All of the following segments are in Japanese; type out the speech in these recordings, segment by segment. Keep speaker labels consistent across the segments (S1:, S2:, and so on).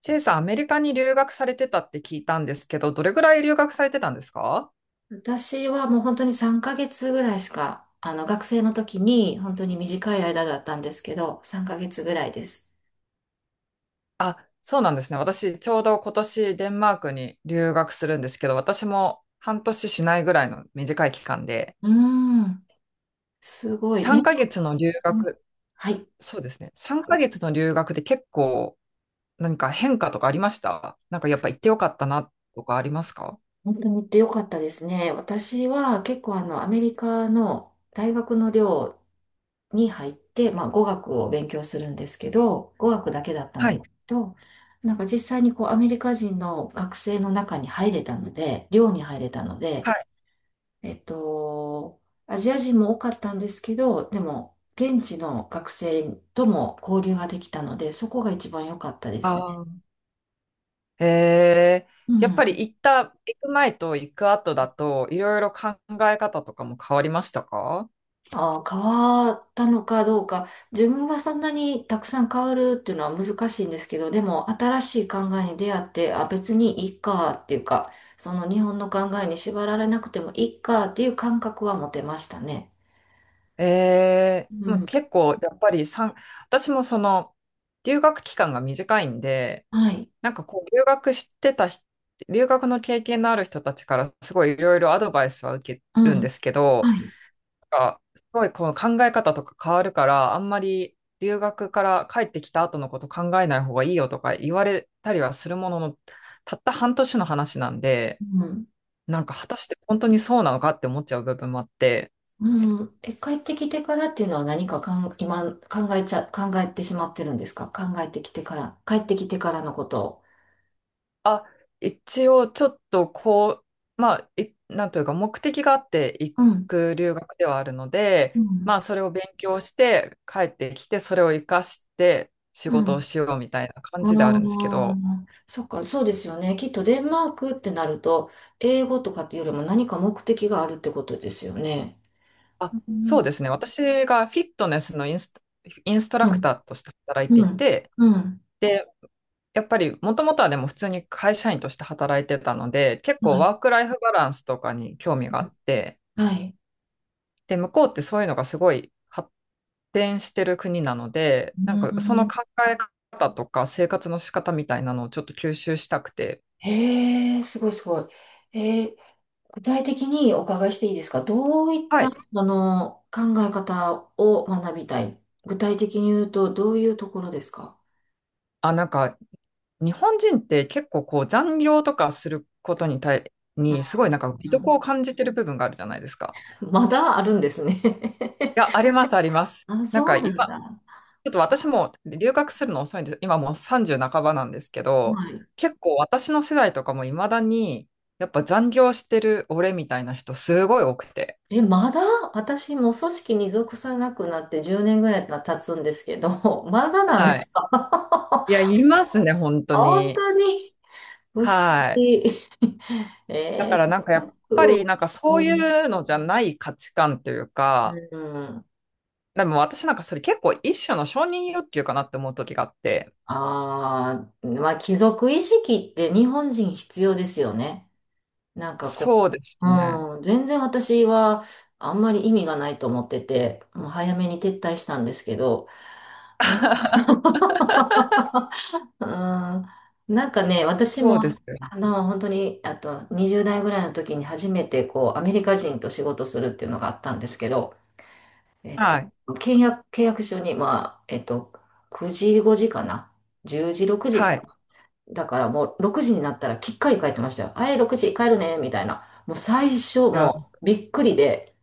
S1: チェイさん、アメリカに留学されてたって聞いたんですけど、どれぐらい留学されてたんですか？
S2: 私はもう本当に3ヶ月ぐらいしか、学生の時に本当に短い間だったんですけど、3ヶ月ぐらいです。
S1: あ、そうなんですね。私、ちょうど今年デンマークに留学するんですけど、私も半年しないぐらいの短い期間で、
S2: うーん、すごいね。
S1: 3ヶ月の留
S2: うん。
S1: 学、
S2: はい。
S1: そうですね。3ヶ月の留学で結構何か変化とかありました？なんかやっぱ行ってよかったなとかありますか？
S2: 本当に行ってよかったですね。私は結構アメリカの大学の寮に入って、まあ、語学を勉強するんですけど、語学だけだったん
S1: は
S2: で
S1: い。
S2: すけど、なんか実際にこうアメリカ人の学生の中に入れたので、寮に入れたの
S1: は
S2: で、
S1: い。
S2: えっと、アジア人も多かったんですけど、でも、現地の学生とも交流ができたので、そこが一番良かったですね。
S1: あ、へえ、
S2: う
S1: やっぱり
S2: ん。
S1: 行った、行く前と行く後だと、いろいろ考え方とかも変わりましたか？
S2: あー、変わったのかどうか、自分はそんなにたくさん変わるっていうのは難しいんですけど、でも、新しい考えに出会って、あ、別にいいかっていうか、その日本の考えに縛られなくてもいいかっていう感覚は持てましたね。
S1: ええ、
S2: う
S1: もう
S2: ん。
S1: 結構、やっぱり私もその、留学期間が短いんで、
S2: はい。
S1: なんかこう、留学してた人、留学の経験のある人たちから、すごいいろいろアドバイスは受け
S2: う
S1: るんで
S2: ん。
S1: すけど、
S2: はい。
S1: すごいこの考え方とか変わるから、あんまり留学から帰ってきた後のこと考えない方がいいよとか言われたりはするものの、たった半年の話なんで、
S2: うん。
S1: なんか果たして本当にそうなのかって思っちゃう部分もあって、
S2: うん。え、帰ってきてからっていうのは何か今考えてしまってるんですか？考えてきてから、帰ってきてからのことを。
S1: あ、一応ちょっとこう、まあ、なんというか目的があって行
S2: うん。
S1: く留学ではあるの
S2: う
S1: で、
S2: ん。
S1: まあそれを勉強して帰ってきて、それを活かして仕
S2: う
S1: 事を
S2: ん。
S1: しようみたいな感じであるんですけ
S2: あ
S1: ど、
S2: あ、そっか、そうですよね。きっとデンマークってなると、英語とかっていうよりも何か目的があるってことですよね。
S1: あ、
S2: う
S1: そう
S2: ん。
S1: ですね。私がフィットネスのインスト
S2: う
S1: ラクタ
S2: ん。
S1: ーとして働いて
S2: う
S1: い
S2: ん。
S1: て、
S2: うん。
S1: で、やっぱりもともとはでも普通に会社員として働いてたので、結
S2: は
S1: 構ワ
S2: い。
S1: ークライフバランスとかに興味があって、
S2: はい。
S1: で、向こうってそういうのがすごい発展してる国なので、なん
S2: う
S1: かその
S2: ん。
S1: 考え方とか生活の仕方みたいなのをちょっと吸収したくて、
S2: へえ、すごいすごい。えー具体的にお伺いしていいですか？どういっ
S1: は
S2: た、
S1: い。
S2: 考え方を学びたい、具体的に言うと、どういうところですか？
S1: あ、なんか日本人って結構こう残業とかすること
S2: う
S1: にすごいなん
S2: ん、
S1: か魅
S2: う
S1: 力
S2: ん。
S1: を感じてる部分があるじゃないですか。
S2: まだあるんですね。
S1: いや、あります、あります。
S2: あ、
S1: なん
S2: そ
S1: か
S2: う
S1: 今、
S2: な
S1: ち
S2: んだ。
S1: ょっと私も留学するの遅いんです。今もう30半ばなんですけど、
S2: はい。
S1: 結構私の世代とかも未だに、やっぱ残業してる俺みたいな人すごい多くて。
S2: え、まだ私も組織に属さなくなって10年ぐらい経つんですけど、まだなん
S1: は
S2: で
S1: い。
S2: すか？
S1: いや、いますね、本 当
S2: 本
S1: に。
S2: 当に不思
S1: はい。
S2: 議。
S1: だ
S2: え
S1: か
S2: ー、
S1: らなんかや
S2: 早
S1: っぱり
S2: く
S1: なんかそう
S2: う
S1: い
S2: ん、
S1: うのじゃない価値観という
S2: う
S1: か、
S2: ん。
S1: でも私なんかそれ結構一種の承認欲求かなって思う時があって、
S2: ああ、まあ、貴族意識って日本人必要ですよね。なんかこ
S1: そうです
S2: う、
S1: ね。
S2: うん、全然私はあんまり意味がないと思ってて、もう早めに撤退したんですけど、うん、うん。なんかね、私
S1: そう
S2: も、
S1: ですよ。
S2: 本当に、あと20代ぐらいの時に初めてこう、アメリカ人と仕事するっていうのがあったんですけど、えっと、
S1: はい。
S2: 契約書に、まあ、9時5時かな、10時6時
S1: はい。
S2: か。だからもう6時になったらきっかり帰ってましたよ。あい、6時帰るね、みたいな。もう最初、
S1: いや
S2: もうびっくりで、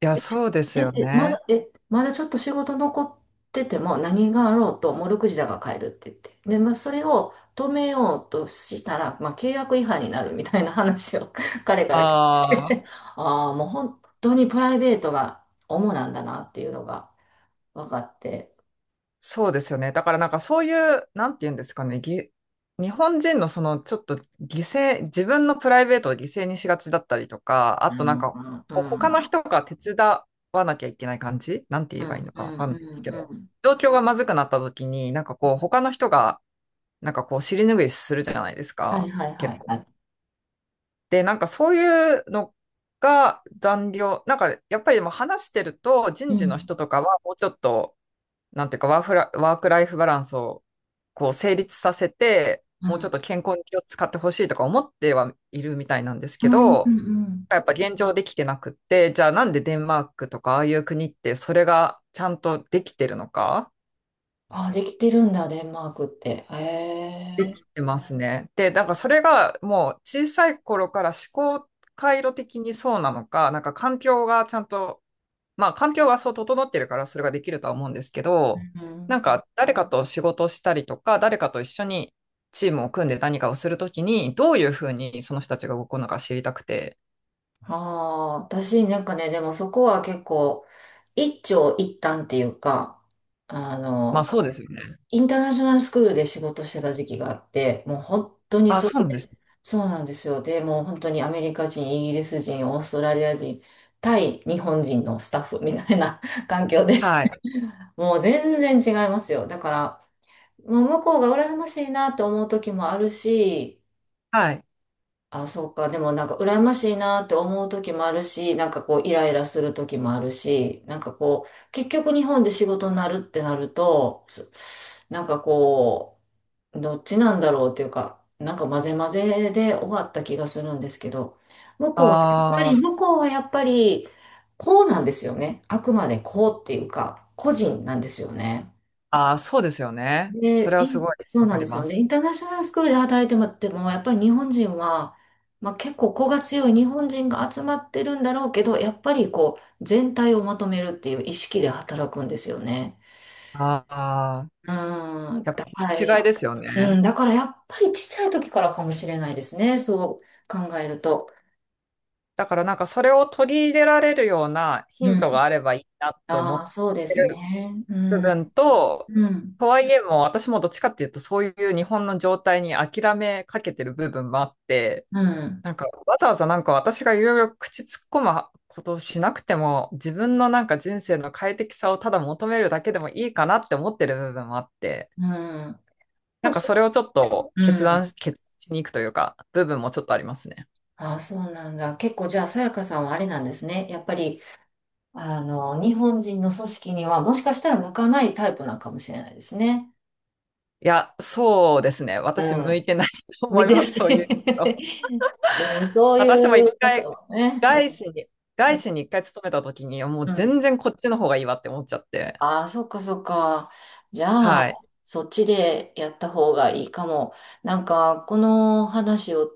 S1: いや、そうです
S2: え、
S1: よ
S2: えま
S1: ね。
S2: だ、え、まだちょっと仕事残ってても何があろうと、もう6時だから帰るって言って。で、まあ、それを止めようとしたら、まあ、契約違反になるみたいな話を 彼から聞い
S1: ああ、
S2: て、ああ、もう本当にプライベートが主なんだなっていうのが分かって。
S1: そうですよね。だからなんかそういう、なんて言うんですかね、日本人のそのちょっと犠牲、自分のプライベートを犠牲にしがちだったりとか、あ
S2: う
S1: となん
S2: ん、
S1: か
S2: うん、
S1: こう
S2: う
S1: 他の
S2: ん、
S1: 人が手伝わなきゃいけない感じなんて言
S2: う
S1: えばいい
S2: ん、
S1: の
S2: う
S1: かわ
S2: ん、
S1: かんないですけ
S2: う
S1: ど、
S2: ん。
S1: 状況がまずくなった時に、なんかこう他の人がなんかこう尻拭いするじゃないです
S2: はい
S1: か。
S2: はいは
S1: 結
S2: い
S1: 構
S2: はい。
S1: で、なんかそういうのが残業、なんかやっぱりでも話してると人
S2: う
S1: 事の
S2: ん、
S1: 人とかはもうちょっと、なんていうかワークライフバランスをこう成立させて、
S2: う
S1: もうちょ
S2: ん。
S1: っと健康に気を使ってほしいとか思ってはいるみたいなんです
S2: う
S1: け
S2: ん、うん、う
S1: ど、
S2: ん。
S1: やっぱ現状できてなくって、じゃあなんでデンマークとかああいう国ってそれがちゃんとできてるのか
S2: あ、できてるんだ、デンマークって。へ
S1: っ
S2: え。
S1: てますね。で、なんかそれがもう小さい頃から思考回路的にそうなのか、なんか環境がちゃんとまあ、環境がそう整ってるからそれができるとは思うんですけ
S2: う
S1: ど、な
S2: ん。
S1: んか誰かと仕事をしたりとか、誰かと一緒にチームを組んで何かをするときに、どういうふうにその人たちが動くのか知りたくて。
S2: ああ、私なんかね、でもそこは結構、一長一短っていうか、あ
S1: まあ、
S2: の、
S1: そうですよね。
S2: インターナショナルスクールで仕事してた時期があって、もう本当に
S1: あ、
S2: それ
S1: そうなんです。
S2: で、そうなんですよ。で、もう本当にアメリカ人、イギリス人、オーストラリア人、対日本人のスタッフみたいな 環境で、
S1: はい。
S2: もう全然違いますよ。だから、もう向こうが羨ましいなと思う時もあるし、
S1: はい。
S2: あ、そうか。でもなんか羨ましいなって思う時もあるし、なんかこうイライラする時もあるし、なんかこう、結局日本で仕事になるってなると、なんかこう、どっちなんだろうっていうか、なんか混ぜ混ぜで終わった気がするんですけど、向
S1: あ
S2: こうはやっぱり、
S1: ー
S2: 向こうはやっぱり、こうなんですよね。あくまでこうっていうか、個人なんですよね。
S1: あー、そうですよね。そ
S2: で、
S1: れはすごい
S2: そう
S1: わか
S2: なんで
S1: り
S2: すよ
S1: ま
S2: ね。
S1: す。
S2: インターナショナルスクールで働いてもらっても、やっぱり日本人は、まあ、結構子が強い日本人が集まってるんだろうけど、やっぱりこう、全体をまとめるっていう意識で働くんですよね。
S1: ああ、
S2: うん、
S1: やっぱ
S2: だ
S1: そ
S2: からや、
S1: の違いですよ
S2: う
S1: ね。
S2: ん、だからやっぱりちっちゃい時からかもしれないですね。そう考えると。
S1: だからなんかそれを取り入れられるようなヒ
S2: う
S1: ントが
S2: ん。
S1: あればいいなと思
S2: ああ、
S1: っ
S2: そうで
S1: て
S2: す
S1: る
S2: ね。う
S1: 部
S2: ん、
S1: 分と、
S2: うん、
S1: とはいえも、私もどっちかっていうと、そういう日本の状態に諦めかけてる部分もあって、
S2: うん、
S1: なんか、わざわざなんか私がいろいろ口突っ込むことをしなくても、自分のなんか人生の快適さをただ求めるだけでもいいかなって思ってる部分もあって、
S2: うん。そ
S1: なん
S2: う
S1: か
S2: そ
S1: それをちょっと
S2: う。うん。
S1: 決断しに行くというか、部分もちょっとありますね。
S2: ああ、そうなんだ。結構じゃあ、さやかさんはあれなんですね。やっぱり日本人の組織にはもしかしたら向かないタイプなのかもしれないですね。
S1: いや、そうですね。
S2: う
S1: 私向い
S2: ん、
S1: てないと
S2: 向
S1: 思
S2: い
S1: い
S2: てな
S1: ます、そういうの。
S2: い。 でもそう
S1: 私も
S2: い
S1: 一
S2: う方
S1: 回、
S2: はね。
S1: 外資に、
S2: う
S1: 外
S2: ん。
S1: 資に一回勤めた時に、もう
S2: うん。
S1: 全然こっちの方がいいわって思っちゃって。
S2: ああ、そっかそっか。じゃあ、
S1: はい。
S2: そっちでやった方がいいかも。なんか、この話を、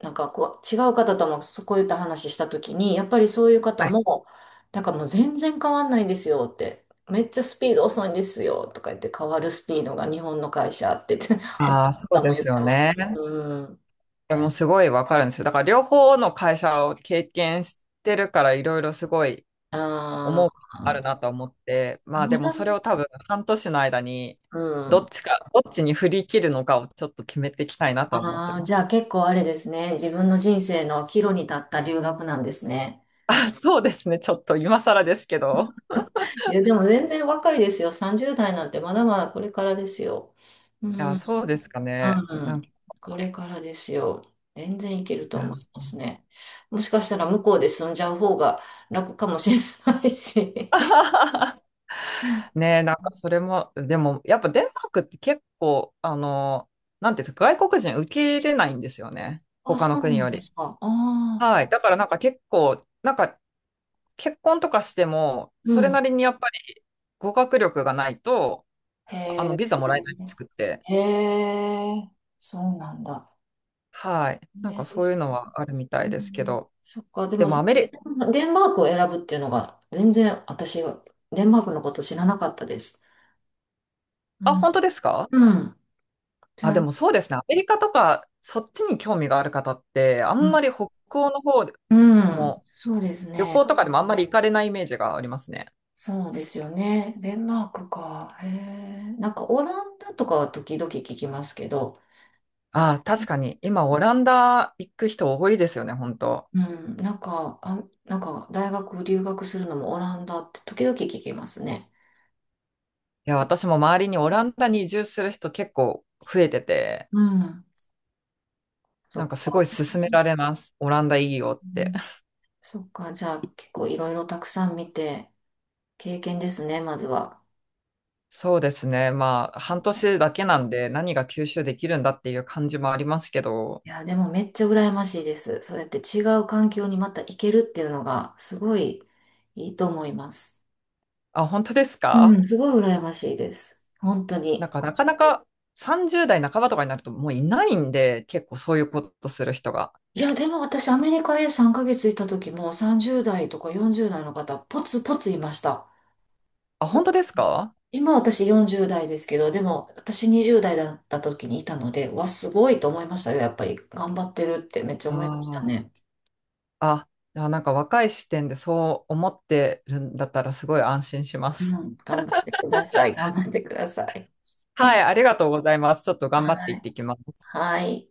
S2: なんかこう、違う方ともこういった話したときに、やっぱりそういう方
S1: はい。
S2: も、なんかもう全然変わんないんですよって。めっちゃスピード遅いんですよとか言って、変わるスピードが日本の会社って言って、他の
S1: ああ、そう
S2: 方も
S1: で
S2: 言っ
S1: すよ
S2: てまし
S1: ね。
S2: た。うん。
S1: でもすごいわかるんですよ。だから両方の会社を経験してるから、いろいろすごい
S2: あ
S1: 思うことある
S2: あ、
S1: なと思って、まあで
S2: ま
S1: も
S2: だ
S1: それを多分半年の間に、
S2: うん。
S1: どっちに振り切るのかをちょっと決めていきたいなと思って
S2: ああ、
S1: ま
S2: じゃあ
S1: す。
S2: 結構あれですね。自分の人生の岐路に立った留学なんですね。
S1: あ、そうですね。ちょっと今更ですけど。
S2: いや、でも全然若いですよ。30代なんてまだまだこれからですよ。うん、
S1: いや、
S2: うん、
S1: そうですかね。なんか、
S2: これからですよ。全然いけ
S1: い
S2: ると
S1: や
S2: 思いますね。もしかしたら向こうで住んじゃう方が楽かもしれないし。
S1: ねえ、なんかそれも、でも、やっぱデンマークって結構、なんていうんですか、外国人受け入れないんですよね。
S2: あ、
S1: 他の
S2: そう
S1: 国
S2: な
S1: よ
S2: んで
S1: り。
S2: すか。ああ、
S1: はい。だからなんか結構、なんか結婚とかしても、
S2: う
S1: それな
S2: ん。
S1: りにやっぱり語学力がないと、
S2: へえ、
S1: ビザもらえないらしくって。
S2: へえ、そうなんだ。
S1: はい。なんかそう
S2: ね。
S1: いうのはあるみた
S2: う
S1: いですけ
S2: ん、
S1: ど。
S2: そっか、で
S1: で
S2: も
S1: もアメリ、
S2: デンマークを選ぶっていうのが全然私はデンマークのこと知らなかったです。う
S1: あ、本当
S2: ん。
S1: ですか？
S2: うん。じ
S1: あ、
S2: ゃ
S1: で
S2: あ、
S1: もそうですね。アメリカとか、そっちに興味がある方って、あ
S2: う
S1: んま
S2: ん、
S1: り北欧の方で
S2: うん、
S1: も、
S2: そうです
S1: 旅
S2: ね。
S1: 行とかでもあんまり行かれないイメージがありますね。
S2: そうですよね。デンマークか。へえ。なんかオランダとかは時々聞きますけど、
S1: ああ、確かに。今、オランダ行く人多いですよね、本当。
S2: うん、なんか、あ、なんか大学留学するのもオランダって時々聞きますね。
S1: いや、私も周りにオランダに移住する人結構増えてて、
S2: うん。そ
S1: なん
S2: っ
S1: かすごい
S2: か。
S1: 勧められます。オランダいいよ
S2: う
S1: って。
S2: ん、 そっか。じゃあ結構いろいろたくさん見て、経験ですね、まずは。
S1: そうですね。まあ、半年だけなんで何が吸収できるんだっていう感じもありますけど。
S2: いや、でもめっちゃ羨ましいです。そうやって違う環境にまた行けるっていうのがすごいいいと思います。
S1: あ、本当です
S2: う
S1: か？
S2: ん、すごい羨ましいです。本当
S1: なん
S2: に。
S1: か、なかなか30代半ばとかになるともういないんで、結構そういうことする人が。
S2: いや、でも私、アメリカへ3ヶ月いた時も30代とか40代の方、ポツポツいました。
S1: あ、
S2: だ
S1: 本
S2: か
S1: 当です
S2: ら
S1: か？
S2: 今私40代ですけど、でも私20代だった時にいたので、わ、すごいと思いましたよ。やっぱり頑張ってるってめっちゃ
S1: あ
S2: 思いました
S1: あー。
S2: ね。
S1: あ、じゃあなんか若い視点でそう思ってるんだったらすごい安心しま
S2: う
S1: す。
S2: ん、頑張ってください。頑張ってください。
S1: はい、ありがとうございます。ちょっと頑張って
S2: は
S1: いっ
S2: い。
S1: てきます。
S2: はい。